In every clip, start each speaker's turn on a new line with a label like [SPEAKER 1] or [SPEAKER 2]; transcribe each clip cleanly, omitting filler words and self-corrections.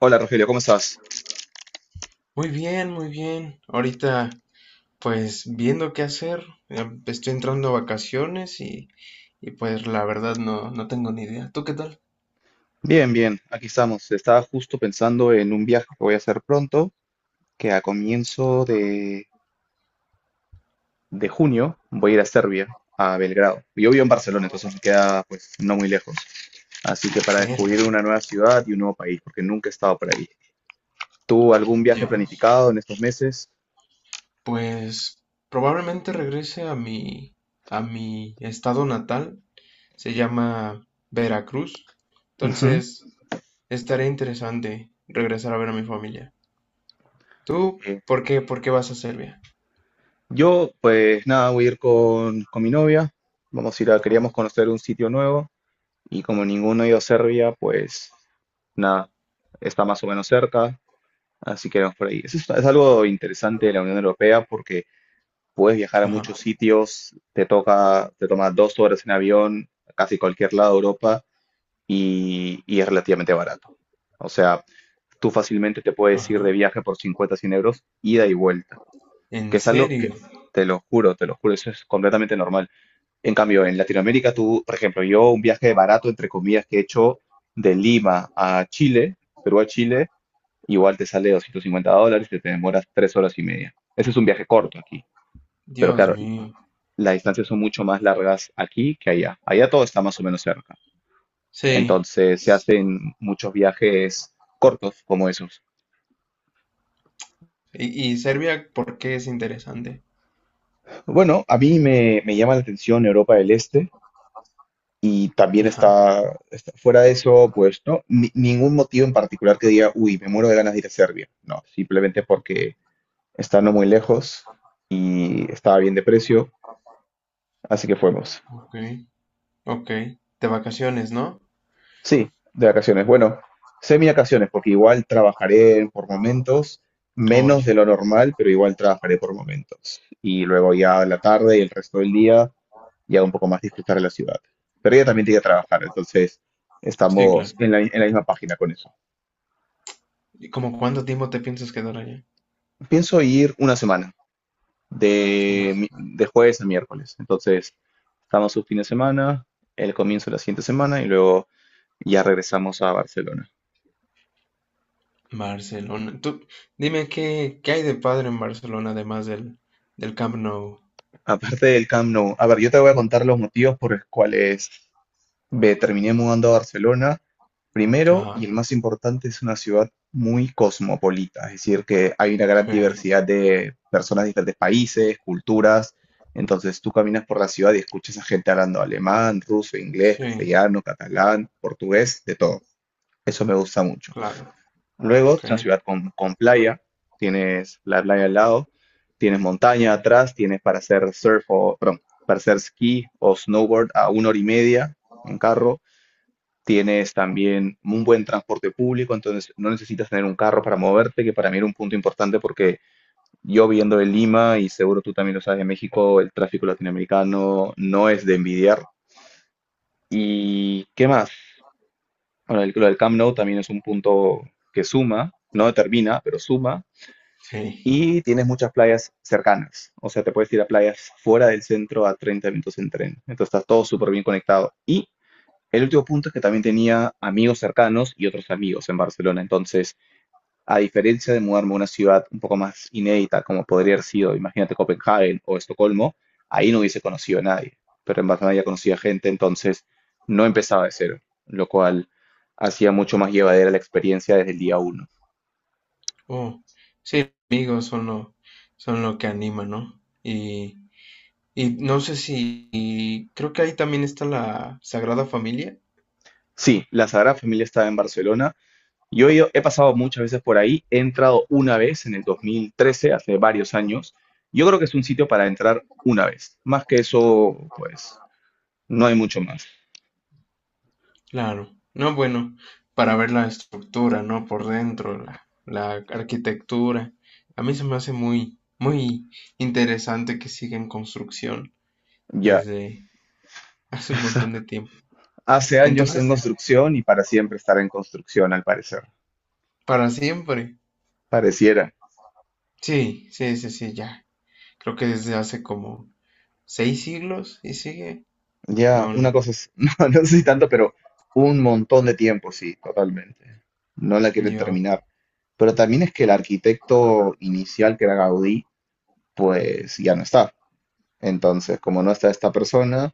[SPEAKER 1] Hola Rogelio, ¿cómo estás?
[SPEAKER 2] Muy bien, muy bien. Ahorita, pues viendo qué hacer. Ya estoy entrando a vacaciones pues la verdad no, no tengo ni idea. ¿Tú qué tal?
[SPEAKER 1] Bien, bien, aquí estamos. Estaba justo pensando en un viaje que voy a hacer pronto, que a comienzo de junio voy a ir a Serbia, a Belgrado. Yo vivo en Barcelona, entonces me queda pues no muy lejos. Así que para descubrir
[SPEAKER 2] ¿Serio?
[SPEAKER 1] una nueva ciudad y un nuevo país, porque nunca he estado por ahí. ¿Tú algún viaje
[SPEAKER 2] Dios.
[SPEAKER 1] planificado en estos meses?
[SPEAKER 2] Pues probablemente regrese a a mi estado natal. Se llama Veracruz.
[SPEAKER 1] Ujú.
[SPEAKER 2] Entonces, estaría interesante regresar a ver a mi familia. ¿Tú
[SPEAKER 1] Eh,
[SPEAKER 2] por qué vas a Serbia?
[SPEAKER 1] yo pues nada, voy a ir con mi novia. Vamos a ir a, queríamos
[SPEAKER 2] Oh,
[SPEAKER 1] conocer un sitio nuevo. Y como ninguno dio Serbia, pues nada, está más o menos cerca, así que vamos por ahí. Eso es algo interesante de la Unión Europea porque puedes viajar a
[SPEAKER 2] ajá,
[SPEAKER 1] muchos sitios, te toma 2 horas en avión, a casi cualquier lado de Europa, y es relativamente barato. O sea, tú fácilmente te puedes ir de
[SPEAKER 2] ajá.
[SPEAKER 1] viaje por 50, 100 euros, ida y vuelta, que
[SPEAKER 2] ¿En
[SPEAKER 1] es algo que,
[SPEAKER 2] serio?
[SPEAKER 1] te lo juro, eso es completamente normal. En cambio, en Latinoamérica, tú, por ejemplo, yo un viaje barato, entre comillas, que he hecho de Lima a Chile, Perú a Chile, igual te sale $250 y te demoras 3 horas y media. Ese es un viaje corto aquí. Pero
[SPEAKER 2] Dios
[SPEAKER 1] claro,
[SPEAKER 2] mío.
[SPEAKER 1] las distancias son mucho más largas aquí que allá. Allá todo está más o menos cerca.
[SPEAKER 2] Sí,
[SPEAKER 1] Entonces se hacen muchos viajes cortos como esos.
[SPEAKER 2] y Serbia, ¿por qué es interesante?
[SPEAKER 1] Bueno, a mí me llama la atención Europa del Este. Y también
[SPEAKER 2] Ajá,
[SPEAKER 1] fuera de eso, pues, ¿no? Ningún motivo en particular que diga, uy, me muero de ganas de ir a Serbia. No, simplemente porque está no muy lejos y estaba bien de precio, así que fuimos.
[SPEAKER 2] ok, ok. De vacaciones, ¿no?
[SPEAKER 1] Sí, de vacaciones. Bueno, semi-vacaciones, porque igual trabajaré por momentos, menos de
[SPEAKER 2] Oye.
[SPEAKER 1] lo normal, pero igual trabajaré por momentos. Y luego ya la tarde y el resto del día, ya un poco más disfrutar de la ciudad. Pero ella también tiene que trabajar, entonces
[SPEAKER 2] Sí,
[SPEAKER 1] estamos
[SPEAKER 2] claro.
[SPEAKER 1] en la misma página con eso.
[SPEAKER 2] ¿Y como cuánto tiempo te piensas quedar allá?
[SPEAKER 1] Pienso ir una semana,
[SPEAKER 2] No
[SPEAKER 1] de,
[SPEAKER 2] sé.
[SPEAKER 1] mi- de jueves a miércoles. Entonces, estamos un fin de semana, el comienzo de la siguiente semana y luego ya regresamos a Barcelona.
[SPEAKER 2] Barcelona. Tú, dime, ¿qué hay de padre en Barcelona además del Camp Nou?
[SPEAKER 1] Aparte del Camp Nou, a ver, yo te voy a contar los motivos por los cuales me terminé mudando a Barcelona primero, y
[SPEAKER 2] Ajá,
[SPEAKER 1] el más importante es una ciudad muy cosmopolita, es decir, que hay una gran
[SPEAKER 2] sí,
[SPEAKER 1] diversidad de personas de diferentes países, culturas, entonces tú caminas por la ciudad y escuchas a gente hablando alemán, ruso, inglés,
[SPEAKER 2] sí,
[SPEAKER 1] castellano, catalán, portugués, de todo. Eso me gusta mucho.
[SPEAKER 2] claro,
[SPEAKER 1] Luego,
[SPEAKER 2] ok,
[SPEAKER 1] es una ciudad con playa, tienes la playa al lado, tienes montaña atrás, tienes para hacer surf o, perdón, para hacer esquí o snowboard a una hora y media en carro. Tienes también un buen transporte público, entonces no necesitas tener un carro para moverte, que para mí era un punto importante porque yo viendo de Lima, y seguro tú también lo sabes de México, el tráfico latinoamericano no es de envidiar. ¿Y qué más? Bueno, lo del Camp Nou también es un punto que suma, no determina, pero suma.
[SPEAKER 2] sí.
[SPEAKER 1] Y tienes muchas playas cercanas, o sea, te puedes ir a playas fuera del centro a 30 minutos en tren. Entonces está todo súper bien conectado. Y el último punto es que también tenía amigos cercanos y otros amigos en Barcelona. Entonces, a diferencia de mudarme a una ciudad un poco más inédita, como podría haber sido, imagínate, Copenhague o Estocolmo, ahí no hubiese conocido a nadie. Pero en Barcelona ya conocía gente, entonces no empezaba de cero, lo cual hacía mucho más llevadera la experiencia desde el día uno.
[SPEAKER 2] Oh, amigos son lo que anima, ¿no? Y no sé si, y creo que ahí también está la Sagrada Familia.
[SPEAKER 1] Sí, la Sagrada Familia estaba en Barcelona. Yo he pasado muchas veces por ahí, he entrado una vez en el 2013, hace varios años. Yo creo que es un sitio para entrar una vez. Más que eso, pues no hay mucho más.
[SPEAKER 2] Claro, no, bueno, para ver la estructura, ¿no? Por dentro, la arquitectura. A mí se me hace muy, muy interesante que siga en construcción
[SPEAKER 1] Ya,
[SPEAKER 2] desde hace un montón de tiempo.
[SPEAKER 1] hace años en
[SPEAKER 2] Entonces, así
[SPEAKER 1] construcción y para siempre estar en construcción, al parecer.
[SPEAKER 2] para siempre.
[SPEAKER 1] Pareciera.
[SPEAKER 2] Sí, sí, sí, sí, ya. Creo que desde hace como 6 siglos y sigue.
[SPEAKER 1] Ya,
[SPEAKER 2] No,
[SPEAKER 1] una
[SPEAKER 2] no, ya.
[SPEAKER 1] cosa es, no, no sé si tanto, pero un montón de tiempo, sí, totalmente. No la quieren
[SPEAKER 2] Yo.
[SPEAKER 1] terminar. Pero también es que el arquitecto inicial, que era Gaudí, pues ya no está. Entonces, como no está esta persona,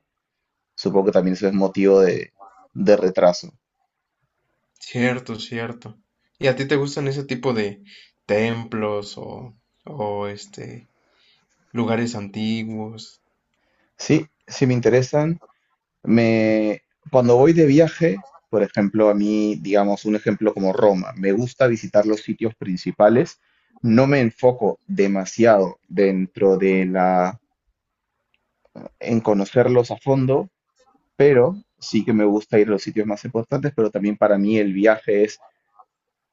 [SPEAKER 1] supongo que también eso es motivo de retraso.
[SPEAKER 2] Cierto, cierto. ¿Y a ti te gustan ese tipo de templos o lugares antiguos?
[SPEAKER 1] Sí, sí me interesan. Me, cuando voy de viaje, por ejemplo, a mí, digamos, un ejemplo como Roma, me gusta visitar los sitios principales. No me enfoco demasiado en conocerlos a fondo, pero sí que me gusta ir a los sitios más importantes, pero también para mí el viaje es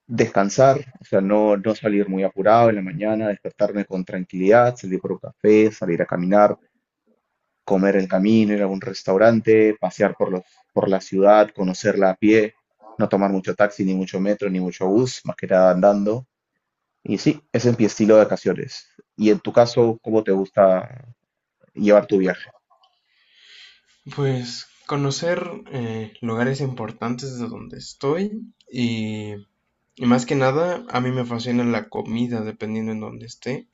[SPEAKER 1] descansar, o sea, no, no salir muy apurado en la mañana, despertarme con tranquilidad, salir por un café, salir a caminar, comer el camino, ir a algún restaurante, pasear por la ciudad, conocerla a pie, no tomar mucho taxi, ni mucho metro, ni mucho bus, más que nada andando. Y sí, ese es mi estilo de vacaciones. Y en tu caso, ¿cómo te gusta llevar tu viaje?
[SPEAKER 2] Pues conocer lugares importantes de donde estoy y más que nada a mí me fascina la comida dependiendo en donde esté.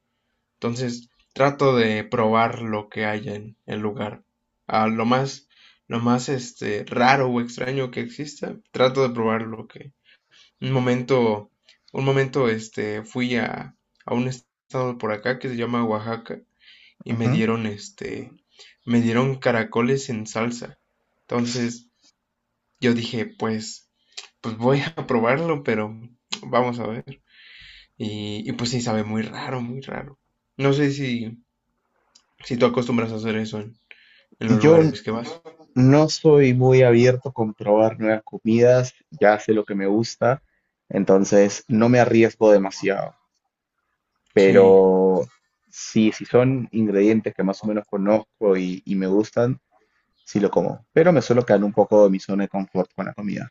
[SPEAKER 2] Entonces trato de probar lo que haya en el lugar. Ah, lo más raro o extraño que exista, trato de probar lo que... Un momento, un momento fui a un estado por acá que se llama Oaxaca y me
[SPEAKER 1] Ujú.
[SPEAKER 2] dieron este, me dieron caracoles en salsa. Entonces yo dije, pues voy a probarlo, pero vamos a ver. Y pues sí, sabe muy raro, muy raro. No sé si, si tú acostumbras a hacer eso en los
[SPEAKER 1] Yo
[SPEAKER 2] lugares que vas.
[SPEAKER 1] no soy muy abierto con probar nuevas comidas, ya sé lo que me gusta, entonces no me arriesgo demasiado.
[SPEAKER 2] Sí,
[SPEAKER 1] Pero sí, si son ingredientes que más o menos conozco y me gustan, sí lo como, pero me suelo quedar un poco de mi zona de confort con la comida.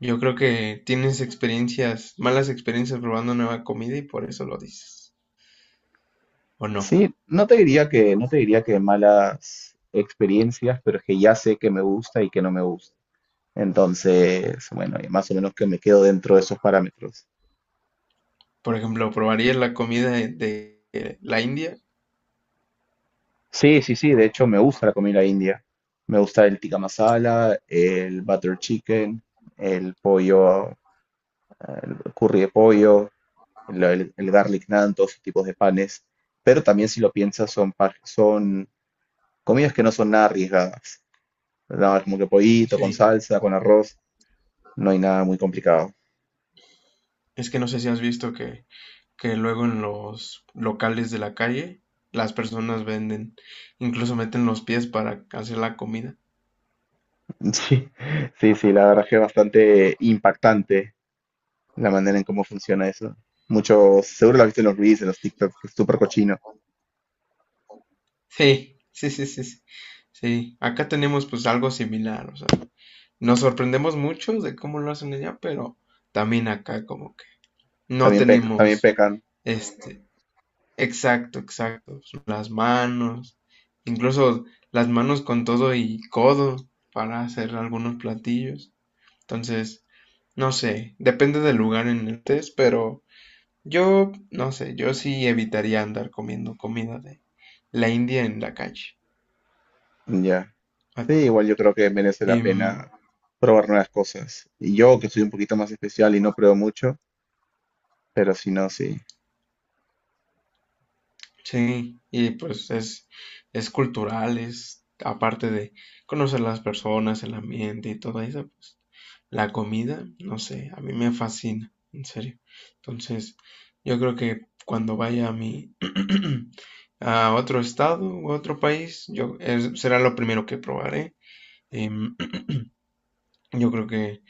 [SPEAKER 2] yo creo que tienes experiencias, malas experiencias probando nueva comida y por eso lo dices. ¿O no?
[SPEAKER 1] Sí, no te diría que, malas experiencias, pero es que ya sé que me gusta y que no me gusta. Entonces, bueno, y más o menos que me quedo dentro de esos parámetros.
[SPEAKER 2] Por ejemplo, ¿probarías la comida de la India?
[SPEAKER 1] Sí, sí, sí, de hecho me gusta la comida india. Me gusta el tikka masala, el butter chicken, el pollo, el curry de pollo, el garlic naan, todos esos tipos de panes. Pero también si lo piensas son comidas que no son nada arriesgadas, ¿verdad? Como que pollito con
[SPEAKER 2] Sí.
[SPEAKER 1] salsa, con arroz, no hay nada muy complicado.
[SPEAKER 2] Es que no sé si has visto que luego en los locales de la calle las personas venden, incluso meten los pies para hacer la comida.
[SPEAKER 1] Sí, sí, sí, la verdad que es bastante impactante la manera en cómo funciona eso. Muchos, seguro lo has visto en los reels, en los TikToks, que es súper cochino.
[SPEAKER 2] Sí, sí, sí, sí, sí. Sí, acá tenemos pues algo similar, o sea, nos sorprendemos mucho de cómo lo hacen allá, pero también acá como que no
[SPEAKER 1] También, también
[SPEAKER 2] tenemos
[SPEAKER 1] pecan,
[SPEAKER 2] este, exacto, exacto, las manos, incluso las manos con todo y codo para hacer algunos platillos. Entonces, no sé, depende del lugar en el que estés, pero yo, no sé, yo sí evitaría andar comiendo comida de la India en la calle.
[SPEAKER 1] ya. Sí,
[SPEAKER 2] Ah,
[SPEAKER 1] igual yo creo que merece la
[SPEAKER 2] em,
[SPEAKER 1] pena probar nuevas cosas. Y yo, que soy un poquito más especial y no pruebo mucho, pero si no, sí.
[SPEAKER 2] sí, y pues es, cultural, es aparte de conocer las personas, el ambiente y todo eso, pues la comida, no sé, a mí me fascina, en serio. Entonces, yo creo que cuando vaya a mi a otro estado u otro país, yo será lo primero que probaré. Em, yo creo que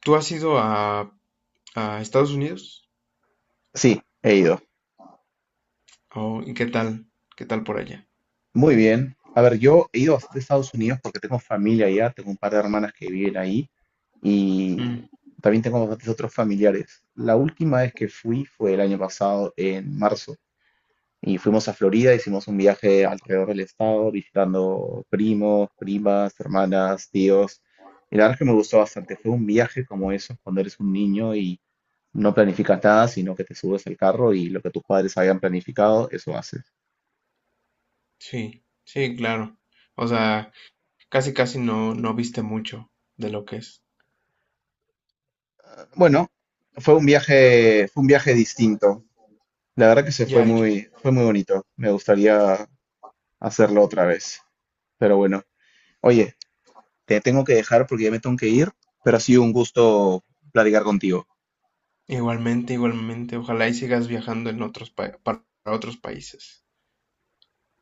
[SPEAKER 2] tú has ido a Estados Unidos.
[SPEAKER 1] Sí, he ido.
[SPEAKER 2] ¿Y qué tal por allá?
[SPEAKER 1] Muy bien. A ver, yo he ido bastante a Estados Unidos porque tengo familia allá, tengo un par de hermanas que viven ahí y
[SPEAKER 2] Mm,
[SPEAKER 1] también tengo bastantes otros familiares. La última vez que fui fue el año pasado, en marzo, y fuimos a Florida, hicimos un viaje alrededor del estado, visitando primos, primas, hermanas, tíos. Y la verdad es que me gustó bastante. Fue un viaje como esos cuando eres un niño y no planificas nada, sino que te subes al carro y lo que tus padres habían planificado, eso haces.
[SPEAKER 2] sí, sí, claro. O sea, casi casi no no viste mucho de lo que es.
[SPEAKER 1] Bueno, fue un viaje distinto. La verdad que
[SPEAKER 2] Ya, ya.
[SPEAKER 1] fue muy bonito. Me gustaría hacerlo otra vez. Pero bueno, oye, te tengo que dejar porque ya me tengo que ir, pero ha sido un gusto platicar contigo.
[SPEAKER 2] Igualmente, igualmente, ojalá y sigas viajando en otros para otros países